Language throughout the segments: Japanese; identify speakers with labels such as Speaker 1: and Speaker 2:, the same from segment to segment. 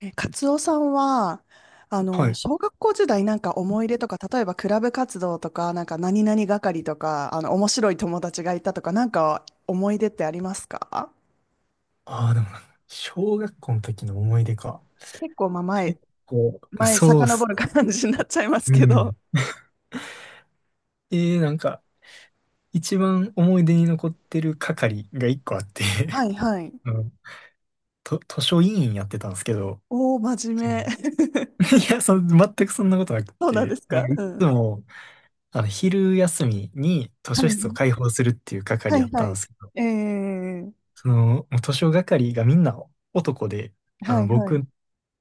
Speaker 1: カツオさんは、
Speaker 2: はい。
Speaker 1: 小学校時代なんか思い出とか、例えばクラブ活動とか、なんか何々係とか、面白い友達がいたとか、なんか思い出ってありますか？
Speaker 2: ああ、でもなんか、小学校の時の思い出か。
Speaker 1: 結構、まあ、前、
Speaker 2: 結構、
Speaker 1: 前、
Speaker 2: そうっ
Speaker 1: 遡
Speaker 2: す。
Speaker 1: る感じになっちゃいます
Speaker 2: う
Speaker 1: けど。
Speaker 2: ん。で、なんか、一番思い出に残ってる係が一個あって、
Speaker 1: はい はい。
Speaker 2: あのと、図書委員やってたんですけど、
Speaker 1: おー、真
Speaker 2: う
Speaker 1: 面目。
Speaker 2: ん。 いや、全くそんなことなく
Speaker 1: そうなんで
Speaker 2: て、
Speaker 1: す
Speaker 2: なん
Speaker 1: か？
Speaker 2: かい
Speaker 1: う
Speaker 2: つ
Speaker 1: ん。
Speaker 2: も、昼休みに図
Speaker 1: は
Speaker 2: 書室を
Speaker 1: い
Speaker 2: 開放するっていう
Speaker 1: は
Speaker 2: 係や
Speaker 1: い
Speaker 2: っ
Speaker 1: は
Speaker 2: たん
Speaker 1: い。
Speaker 2: ですけど、
Speaker 1: えー、
Speaker 2: その、もう図書係がみんな男で、あ
Speaker 1: は
Speaker 2: の、
Speaker 1: いはい。
Speaker 2: 僕、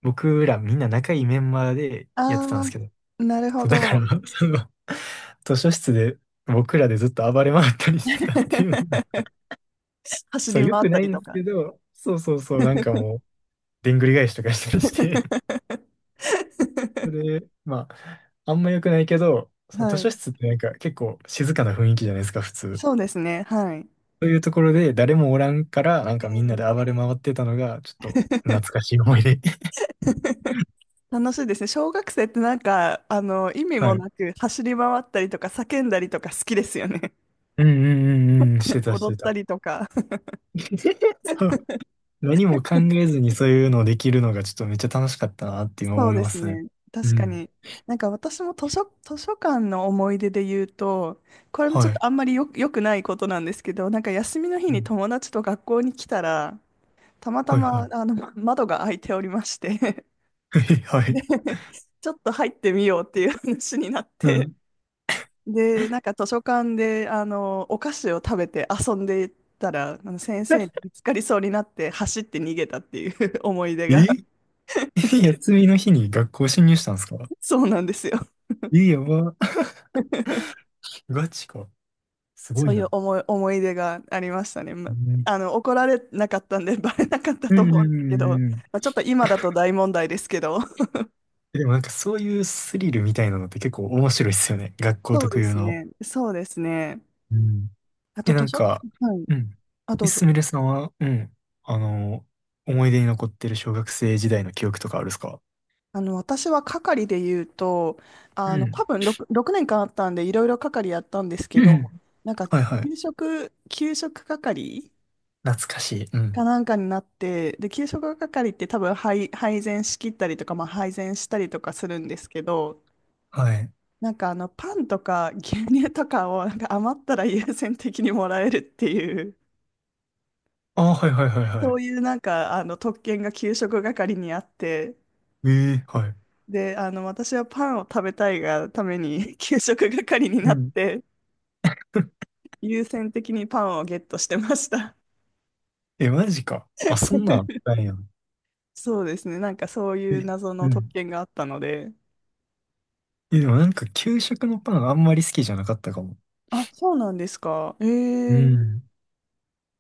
Speaker 2: 僕らみんな仲いいメンバーでやっ
Speaker 1: あ
Speaker 2: てたんですけど、
Speaker 1: ー、なるほ
Speaker 2: そう、だから、
Speaker 1: ど。
Speaker 2: その、図書室で僕らでずっと暴れ回ったりしてたっていうのが、
Speaker 1: 走
Speaker 2: そ
Speaker 1: り
Speaker 2: う、良
Speaker 1: 回っ
Speaker 2: く
Speaker 1: た
Speaker 2: ない
Speaker 1: り
Speaker 2: ん
Speaker 1: と
Speaker 2: です
Speaker 1: か。
Speaker 2: けど、そうそうそう、なんか もう、でんぐり返しとかしたりして、そ れで、まあ、あんま良くないけど、その図
Speaker 1: はい。
Speaker 2: 書室ってなんか結構静かな雰囲気じゃないですか、普通。
Speaker 1: そうですね。はい。
Speaker 2: そういうところで誰もおらんから、なん
Speaker 1: え
Speaker 2: かみんな
Speaker 1: ー
Speaker 2: で暴れ回ってたのが、ちょっと懐かしい思い出。
Speaker 1: 楽しいですね。小学生ってなんか、意味も
Speaker 2: はい。
Speaker 1: なく走り回ったりとか叫んだりとか好きですよね。
Speaker 2: うんうんうんうん、して たし
Speaker 1: 踊
Speaker 2: て
Speaker 1: った
Speaker 2: た。
Speaker 1: りとか。
Speaker 2: 何も考えずにそういうのをできるのがちょっとめっちゃ楽しかったなって今
Speaker 1: そう
Speaker 2: 思い
Speaker 1: で
Speaker 2: ま
Speaker 1: す
Speaker 2: すね。
Speaker 1: ね。
Speaker 2: う
Speaker 1: 確か
Speaker 2: ん。
Speaker 1: に。なんか私も図書館の思い出で言うと、これもち
Speaker 2: は
Speaker 1: ょっ
Speaker 2: い。
Speaker 1: とあんまり良くないことなんですけど、なんか休みの日
Speaker 2: う
Speaker 1: に
Speaker 2: ん、
Speaker 1: 友達と学校に来たら、たまた
Speaker 2: はい
Speaker 1: ま
Speaker 2: は
Speaker 1: 窓が開いておりまして、
Speaker 2: い。はい。
Speaker 1: で、ちょっと入ってみようっていう話になっ
Speaker 2: う
Speaker 1: て、
Speaker 2: ん。
Speaker 1: で、なんか図書館で、お菓子を食べて遊んでいたら、あの先生に見 つかりそうになって走って逃げたっていう 思い出が、
Speaker 2: え。 休みの日に学校侵入したんですか？
Speaker 1: そうなんですよ。
Speaker 2: え、やば。ガチか。すご
Speaker 1: そう
Speaker 2: い
Speaker 1: いう
Speaker 2: な。
Speaker 1: 思い出がありましたね。ま
Speaker 2: うん
Speaker 1: あの、怒られなかったんで、バレなかった
Speaker 2: う
Speaker 1: と
Speaker 2: んうん
Speaker 1: 思う
Speaker 2: う
Speaker 1: んですけど、ま
Speaker 2: んうん。
Speaker 1: あ、ちょっと今だと大問題ですけど。
Speaker 2: でもなんかそういうスリルみたいなのって結構面白いですよね。学校
Speaker 1: そう
Speaker 2: 特
Speaker 1: で
Speaker 2: 有
Speaker 1: す
Speaker 2: の。
Speaker 1: ね。そうですね。
Speaker 2: うん。
Speaker 1: あと
Speaker 2: え、な
Speaker 1: 図
Speaker 2: ん
Speaker 1: 書館、
Speaker 2: か、
Speaker 1: はい。
Speaker 2: うん。
Speaker 1: あ、ど
Speaker 2: え、
Speaker 1: う
Speaker 2: すみ
Speaker 1: ぞ。
Speaker 2: れさんは、うん、あの、思い出に残ってる小学生時代の記憶とかあるっすか？
Speaker 1: 私は係で言うと、
Speaker 2: う
Speaker 1: 多
Speaker 2: ん。
Speaker 1: 分6年間あったんで、いろいろ係やったんですけど、なんか、
Speaker 2: はいはい。
Speaker 1: 給食係
Speaker 2: 懐かしい。う
Speaker 1: か
Speaker 2: ん。
Speaker 1: なんかになって、で、給食係って多分配膳しきったりとか、まあ、配膳したりとかするんですけど、
Speaker 2: はい。
Speaker 1: なんかパンとか牛乳とかをなんか余ったら優先的にもらえるっていう、
Speaker 2: ああ、はいはいはいは
Speaker 1: そ
Speaker 2: い。
Speaker 1: ういうなんか、特権が給食係にあって、
Speaker 2: ええ、はい。
Speaker 1: で、私はパンを食べたいがために 給食係に
Speaker 2: う
Speaker 1: なっ
Speaker 2: ん。
Speaker 1: て、優先的にパンをゲットしてました。
Speaker 2: え、マジか。あ、そんなんあっ たんや。
Speaker 1: そうですね。なんかそう
Speaker 2: え、
Speaker 1: いう謎
Speaker 2: う
Speaker 1: の特
Speaker 2: ん。
Speaker 1: 権があったので。
Speaker 2: え、でもなんか給食のパンあんまり好きじゃなかったかも。
Speaker 1: あ、そうなんですか？え
Speaker 2: う
Speaker 1: え、
Speaker 2: ん。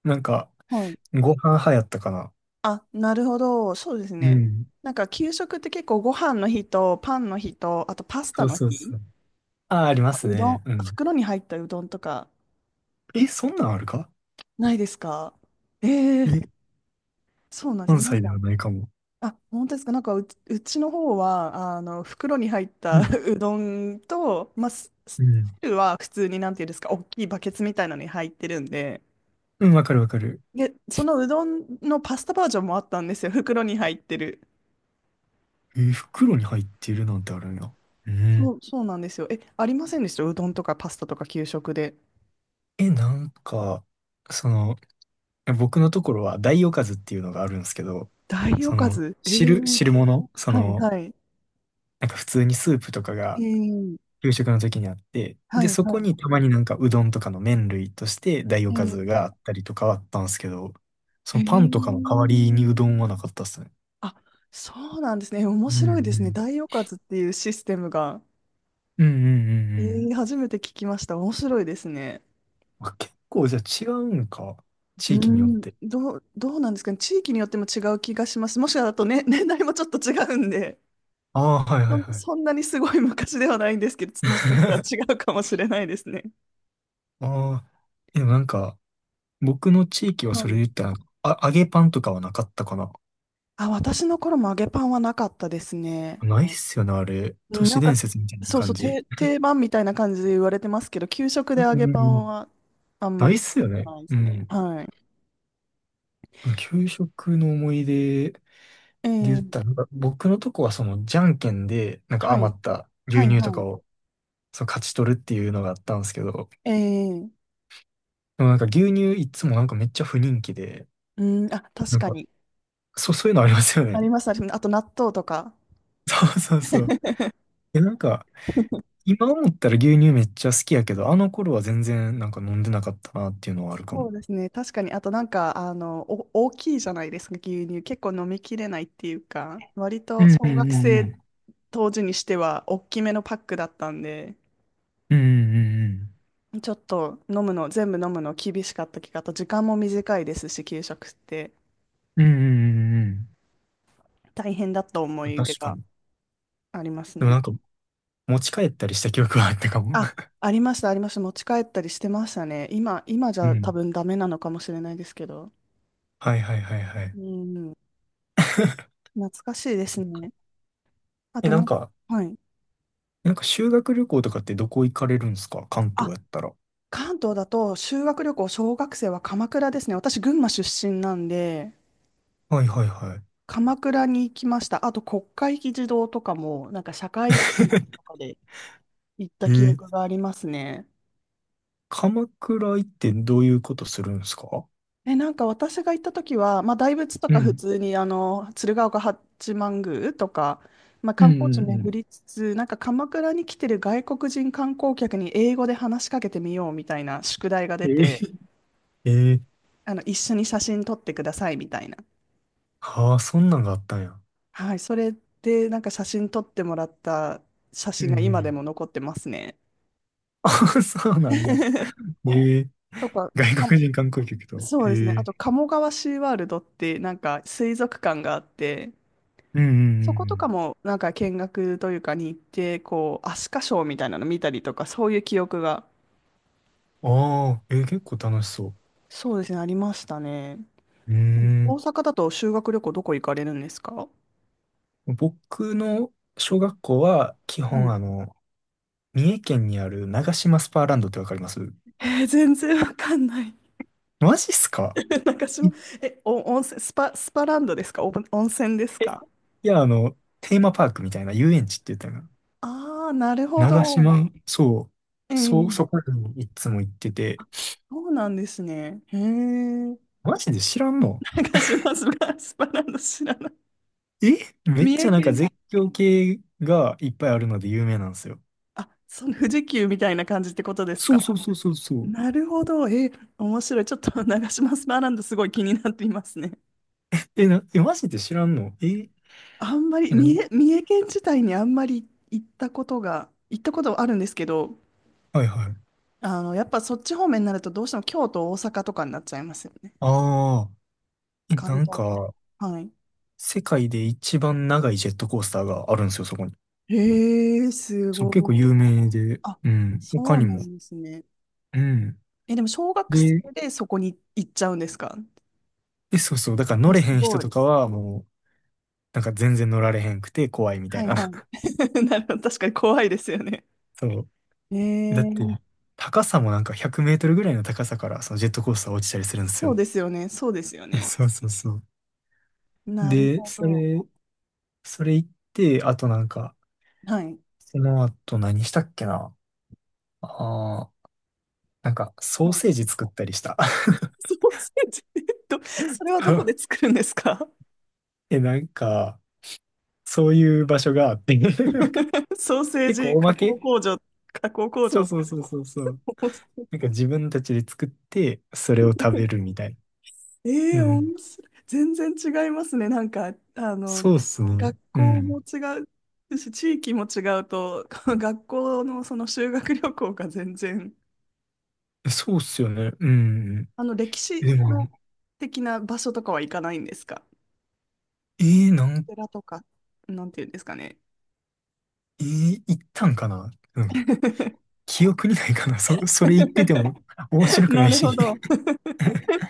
Speaker 2: なんか、
Speaker 1: はい。
Speaker 2: ご飯派やったかな。
Speaker 1: あ、なるほど。そうです
Speaker 2: う
Speaker 1: ね。
Speaker 2: ん。
Speaker 1: なんか給食って結構ご飯の日とパンの日と、あとパスタ
Speaker 2: そう
Speaker 1: の
Speaker 2: そう
Speaker 1: 日、
Speaker 2: そう。ああ、あります
Speaker 1: うどん、
Speaker 2: ね。うん。
Speaker 1: 袋に入ったうどんとか
Speaker 2: え、そんなんあるか？
Speaker 1: ないですか？ええ、
Speaker 2: え、
Speaker 1: そうなんです
Speaker 2: 関
Speaker 1: ね。なん
Speaker 2: 西で
Speaker 1: か
Speaker 2: はないかも。
Speaker 1: あ、本当ですか？なんかうちの方は、袋に入った
Speaker 2: うん。
Speaker 1: うどんと、まあ、すす
Speaker 2: うん。
Speaker 1: 汁は普通に、なんていうんですか、大きいバケツみたいなのに入ってるんで、
Speaker 2: うん、わかるわかる。
Speaker 1: で、そのうどんのパスタバージョンもあったんですよ。袋に入ってる。
Speaker 2: え、袋に入ってるなんてあるんや。う
Speaker 1: そ
Speaker 2: ん。
Speaker 1: う、そうなんですよ。え、ありませんでした？うどんとかパスタとか給食で。
Speaker 2: え、なんか、その、僕のところは大おかずっていうのがあるんですけど、
Speaker 1: 大おかず。えー、
Speaker 2: 汁物、
Speaker 1: はい、はい。
Speaker 2: なんか普通にスープとか
Speaker 1: え
Speaker 2: が
Speaker 1: ー、
Speaker 2: 給食の時にあって、
Speaker 1: は
Speaker 2: で、
Speaker 1: い、
Speaker 2: そ
Speaker 1: は
Speaker 2: こ
Speaker 1: い。
Speaker 2: にたまになんかうどんとかの麺類として大お
Speaker 1: え
Speaker 2: かず
Speaker 1: ー
Speaker 2: があったりとかはあったんですけど、そ
Speaker 1: え
Speaker 2: のパンとかの代わりにう
Speaker 1: ー
Speaker 2: どんはなかったっすね。
Speaker 1: あ、そうなんですね。面
Speaker 2: うんう
Speaker 1: 白いですね。
Speaker 2: ん。
Speaker 1: 大おかずっていうシステムが。
Speaker 2: うんうんうんうん。
Speaker 1: 初めて聞きました。面白いですね。
Speaker 2: あ、結構じゃあ違うんか。
Speaker 1: う
Speaker 2: 地域によっ
Speaker 1: ん、
Speaker 2: て。
Speaker 1: どうなんですかね。地域によっても違う気がします。もしかだとね、年代もちょっと違うんで、
Speaker 2: ああ、はいはい
Speaker 1: そ、
Speaker 2: はい。
Speaker 1: そんなにすごい昔ではないんですけど、もしかしたら 違うかもしれないですね。
Speaker 2: ああ、でもなんか、僕の地域は
Speaker 1: は
Speaker 2: それで
Speaker 1: い。
Speaker 2: 言ったら、あ、揚げパンとかはなかったかな。
Speaker 1: あ、私の頃も揚げパンはなかったですね。
Speaker 2: ないっすよね、あれ。都
Speaker 1: うん、な
Speaker 2: 市
Speaker 1: んか、
Speaker 2: 伝説みたいな
Speaker 1: そうそ
Speaker 2: 感
Speaker 1: う、
Speaker 2: じ。
Speaker 1: 定番みたいな感じで言われてますけど、給食で
Speaker 2: うん
Speaker 1: 揚
Speaker 2: う
Speaker 1: げ
Speaker 2: ん
Speaker 1: パ
Speaker 2: う
Speaker 1: ン
Speaker 2: ん。
Speaker 1: はあんま
Speaker 2: な
Speaker 1: り
Speaker 2: いっ
Speaker 1: 聞い
Speaker 2: す
Speaker 1: た
Speaker 2: よ
Speaker 1: こ
Speaker 2: ね。
Speaker 1: とないで
Speaker 2: う
Speaker 1: すね。
Speaker 2: ん。
Speaker 1: はい。
Speaker 2: 給食の思い出で
Speaker 1: え
Speaker 2: 言
Speaker 1: ー、
Speaker 2: ったら、なんか僕のとこはその、じゃんけんで、なんか
Speaker 1: はい。
Speaker 2: 余った牛
Speaker 1: はい、
Speaker 2: 乳と
Speaker 1: は
Speaker 2: か
Speaker 1: い。
Speaker 2: を、その勝ち取るっていうのがあったんですけど、
Speaker 1: えー、
Speaker 2: でもなんか牛乳いつもなんかめっちゃ不人気で、
Speaker 1: うん、あ、確
Speaker 2: なん
Speaker 1: か
Speaker 2: か、
Speaker 1: に。
Speaker 2: そう、そういうのありますよね。
Speaker 1: あります、あります。あと納豆とか。
Speaker 2: そうそうそう。え、なんか、今思ったら牛乳めっちゃ好きやけど、あの頃は全然なんか飲んでなかったなっていうのはあるか
Speaker 1: そ
Speaker 2: も。
Speaker 1: うですね。確かに。あとなんか、大きいじゃないですか、牛乳。結構飲みきれないっていうか、割
Speaker 2: う
Speaker 1: と
Speaker 2: んう
Speaker 1: 小学
Speaker 2: んう
Speaker 1: 生
Speaker 2: ん
Speaker 1: 当時にしては大きめのパックだったんで、
Speaker 2: うん
Speaker 1: ちょっと飲むの、全部飲むの厳しかった気が、あと時間も短いですし、給食って
Speaker 2: うんうんうんうんうんうん
Speaker 1: 大変だった思
Speaker 2: うん、
Speaker 1: い出
Speaker 2: 確か
Speaker 1: が
Speaker 2: に。
Speaker 1: あります
Speaker 2: でもな
Speaker 1: ね。
Speaker 2: んか持ち帰ったりした記憶はあったかも。
Speaker 1: あ、ありました、ありました。持ち帰ったりしてましたね。今、今じ
Speaker 2: う
Speaker 1: ゃ多
Speaker 2: ん、
Speaker 1: 分ダメなのかもしれないですけど。
Speaker 2: はいはいはいはい。
Speaker 1: うん、懐かしいで
Speaker 2: そ
Speaker 1: す
Speaker 2: う。
Speaker 1: ね。あ
Speaker 2: え、
Speaker 1: と
Speaker 2: な
Speaker 1: な
Speaker 2: ん
Speaker 1: んか、
Speaker 2: か、
Speaker 1: はい。
Speaker 2: なんか修学旅行とかってどこ行かれるんですか、関東
Speaker 1: あ、
Speaker 2: やったら？
Speaker 1: 関東だと修学旅行、小学生は鎌倉ですね。私、群馬出身なんで、
Speaker 2: はいはいはい。
Speaker 1: 鎌倉に行きました。あと、国会議事堂とかも、なんか社会見学とかで行っ
Speaker 2: え
Speaker 1: た記憶
Speaker 2: ー
Speaker 1: がありますね。
Speaker 2: 鎌倉行ってどういうことするんですか？
Speaker 1: え、なんか私が行った時は、まあ、大仏と
Speaker 2: う
Speaker 1: か普
Speaker 2: ん
Speaker 1: 通に、鶴岡八幡宮とか、まあ、
Speaker 2: うん
Speaker 1: 観
Speaker 2: う
Speaker 1: 光
Speaker 2: ん
Speaker 1: 地
Speaker 2: うんうんう
Speaker 1: 巡
Speaker 2: ん、
Speaker 1: りつつ、なんか鎌倉に来てる外国人観光客に英語で話しかけてみようみたいな宿題が
Speaker 2: え
Speaker 1: 出て、
Speaker 2: ー、えー、
Speaker 1: 一緒に写真撮ってくださいみたいな。
Speaker 2: はあ、そんなんがあったんや。
Speaker 1: はい、それでなんか写真撮ってもらった写
Speaker 2: う
Speaker 1: 真が
Speaker 2: んう
Speaker 1: 今で
Speaker 2: ん。
Speaker 1: も残ってますね。
Speaker 2: そうなんや。ね。ええ、
Speaker 1: とか、
Speaker 2: 外
Speaker 1: あ
Speaker 2: 国人観光客と。
Speaker 1: そうですね。あ
Speaker 2: え
Speaker 1: と、
Speaker 2: え、
Speaker 1: 鴨川シーワールドってなんか水族館があって、
Speaker 2: うんう
Speaker 1: そことか
Speaker 2: ん
Speaker 1: もなんか見学というかに行って、こう、アスカショーみたいなの見たりとか、そういう記憶が、
Speaker 2: うん。ああ、結構楽しそ
Speaker 1: そうですね、ありましたね。
Speaker 2: う。う
Speaker 1: でも
Speaker 2: ー
Speaker 1: 大
Speaker 2: ん。
Speaker 1: 阪だと修学旅行どこ行かれるんですか？
Speaker 2: 僕の小学校は、基
Speaker 1: はい。
Speaker 2: 本三重県にある長島スパーランドってわかります？
Speaker 1: えー全然わかんない。
Speaker 2: マジっすか？
Speaker 1: なんかし
Speaker 2: い
Speaker 1: も、え、お、温泉、スパランドですか？お、温泉です
Speaker 2: え、い
Speaker 1: か？
Speaker 2: や、テーマパークみたいな遊園地って言ったよな。
Speaker 1: ああ、なるほ
Speaker 2: 長
Speaker 1: ど。
Speaker 2: 島、そ
Speaker 1: え
Speaker 2: う、そう、
Speaker 1: え、
Speaker 2: そこにいつも行ってて、
Speaker 1: そうなんですね。へえ。
Speaker 2: マジで知らんの？
Speaker 1: 長島スパランド知らない。
Speaker 2: え、め
Speaker 1: 三
Speaker 2: っち
Speaker 1: 重
Speaker 2: ゃなんか
Speaker 1: 県、
Speaker 2: 絶叫系がいっぱいあるので有名なんですよ。
Speaker 1: あ、その富士急みたいな感じってことです
Speaker 2: そうそ
Speaker 1: か？
Speaker 2: うそうそうそう。
Speaker 1: なるほど。え面白い。ちょっと 長島スパランドすごい気になっていますね。
Speaker 2: え、え、マジで知らんの？え、
Speaker 1: あんまり、
Speaker 2: え、
Speaker 1: 三重県自体にあんまり行ったことはあるんですけど、
Speaker 2: はいはい。
Speaker 1: やっぱそっち方面になるとどうしても京都、大阪とかになっちゃいますよね。
Speaker 2: ああ、え、
Speaker 1: 関
Speaker 2: なん
Speaker 1: 東圏。
Speaker 2: か、
Speaker 1: はい。
Speaker 2: 世界で一番長いジェットコースターがあるんですよ、そこに。
Speaker 1: へえ、す
Speaker 2: そう、結
Speaker 1: ご
Speaker 2: 構
Speaker 1: い。
Speaker 2: 有名で、
Speaker 1: あ、
Speaker 2: うん、他
Speaker 1: そう
Speaker 2: に
Speaker 1: な
Speaker 2: も。
Speaker 1: んですね。
Speaker 2: うん。
Speaker 1: え、でも小学生
Speaker 2: で、
Speaker 1: でそこに行っちゃうんですか？
Speaker 2: え、そうそう、だから乗
Speaker 1: え、
Speaker 2: れへ
Speaker 1: す
Speaker 2: ん人
Speaker 1: ご
Speaker 2: と
Speaker 1: い。
Speaker 2: かはもう、なんか全然乗られへんくて怖いみた
Speaker 1: は
Speaker 2: い
Speaker 1: い
Speaker 2: な。
Speaker 1: はい。なるほど。確かに怖いですよね。
Speaker 2: そう。
Speaker 1: え
Speaker 2: だって、
Speaker 1: ー、
Speaker 2: 高さもなんか100メートルぐらいの高さから、そのジェットコースター落ちたりするんです
Speaker 1: そう
Speaker 2: よ。
Speaker 1: ですよね。そうですよ ね。
Speaker 2: そうそうそう。
Speaker 1: なる
Speaker 2: で、
Speaker 1: ほ
Speaker 2: そ
Speaker 1: ど。
Speaker 2: れ、それ行って、あとなんか、
Speaker 1: はい。
Speaker 2: その後何したっけな。ああー、なんか、ソー
Speaker 1: はい。
Speaker 2: セージ作ったりした。
Speaker 1: ソーセージ、それはどこで 作るんですか？
Speaker 2: え、なんか、そういう場所があって、なんか、
Speaker 1: ソーセー
Speaker 2: 結構
Speaker 1: ジ
Speaker 2: おま
Speaker 1: 加工
Speaker 2: け。
Speaker 1: 工場、加工工
Speaker 2: そ
Speaker 1: 場。
Speaker 2: うそうそうそうそう。なんか自分たちで作って、それを食べるみたい
Speaker 1: え
Speaker 2: な。う
Speaker 1: え
Speaker 2: ん。
Speaker 1: 面白い。全然違いますね。なんか、
Speaker 2: そうっすね。
Speaker 1: 学
Speaker 2: う
Speaker 1: 校も
Speaker 2: ん。
Speaker 1: 違うし、地域も違うと、学校のその修学旅行が全然、
Speaker 2: そうっすよね。うん。
Speaker 1: 歴史
Speaker 2: でも、
Speaker 1: の的な場所とかは行かないんですか？
Speaker 2: えー、なん、
Speaker 1: 寺とか、なんていうんですかね？
Speaker 2: えー、行ったんかな。うん、 記憶にないかな。それ言ってても面白くな
Speaker 1: な
Speaker 2: い
Speaker 1: るほ
Speaker 2: し。
Speaker 1: ど。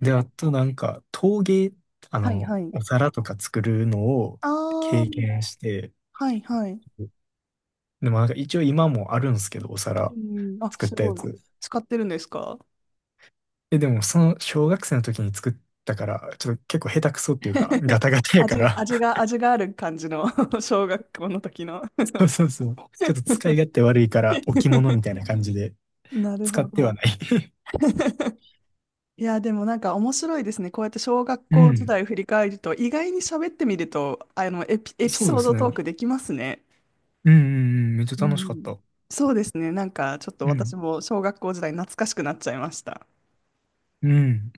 Speaker 2: で、あ となんか、陶芸、
Speaker 1: はいはい。
Speaker 2: お皿とか作るのを
Speaker 1: ああ、
Speaker 2: 経験して、
Speaker 1: はいはい。
Speaker 2: でもなんか一応今もあるんですけど、お
Speaker 1: う
Speaker 2: 皿
Speaker 1: ん、あ、
Speaker 2: 作っ
Speaker 1: す
Speaker 2: たや
Speaker 1: ごい。
Speaker 2: つ。
Speaker 1: 使ってるんですか？
Speaker 2: え、でもその小学生の時に作ったから、ちょっと結構下手くそっていうか、ガ タガタやか
Speaker 1: 味、
Speaker 2: ら、
Speaker 1: 味が、味がある感じの 小学校の時の
Speaker 2: そうそうそう。ちょっと使い勝手悪いから、置物 みたいな感じで
Speaker 1: なる
Speaker 2: 使っ
Speaker 1: ほ
Speaker 2: ては
Speaker 1: ど。
Speaker 2: ない。
Speaker 1: いや、でもなんか面白いですね。こうやって小学
Speaker 2: う
Speaker 1: 校時
Speaker 2: ん。
Speaker 1: 代を振り返ると、意外に喋ってみると、あの、エピ、エピ
Speaker 2: そう
Speaker 1: ソ
Speaker 2: で
Speaker 1: ー
Speaker 2: す
Speaker 1: ドトー
Speaker 2: ね。
Speaker 1: クできますね。
Speaker 2: うんうんうん。めっち
Speaker 1: う
Speaker 2: ゃ楽しかっ
Speaker 1: ん。
Speaker 2: た。
Speaker 1: そうですね。なんかちょっと
Speaker 2: う
Speaker 1: 私
Speaker 2: ん。
Speaker 1: も小学校時代懐かしくなっちゃいました。
Speaker 2: うん。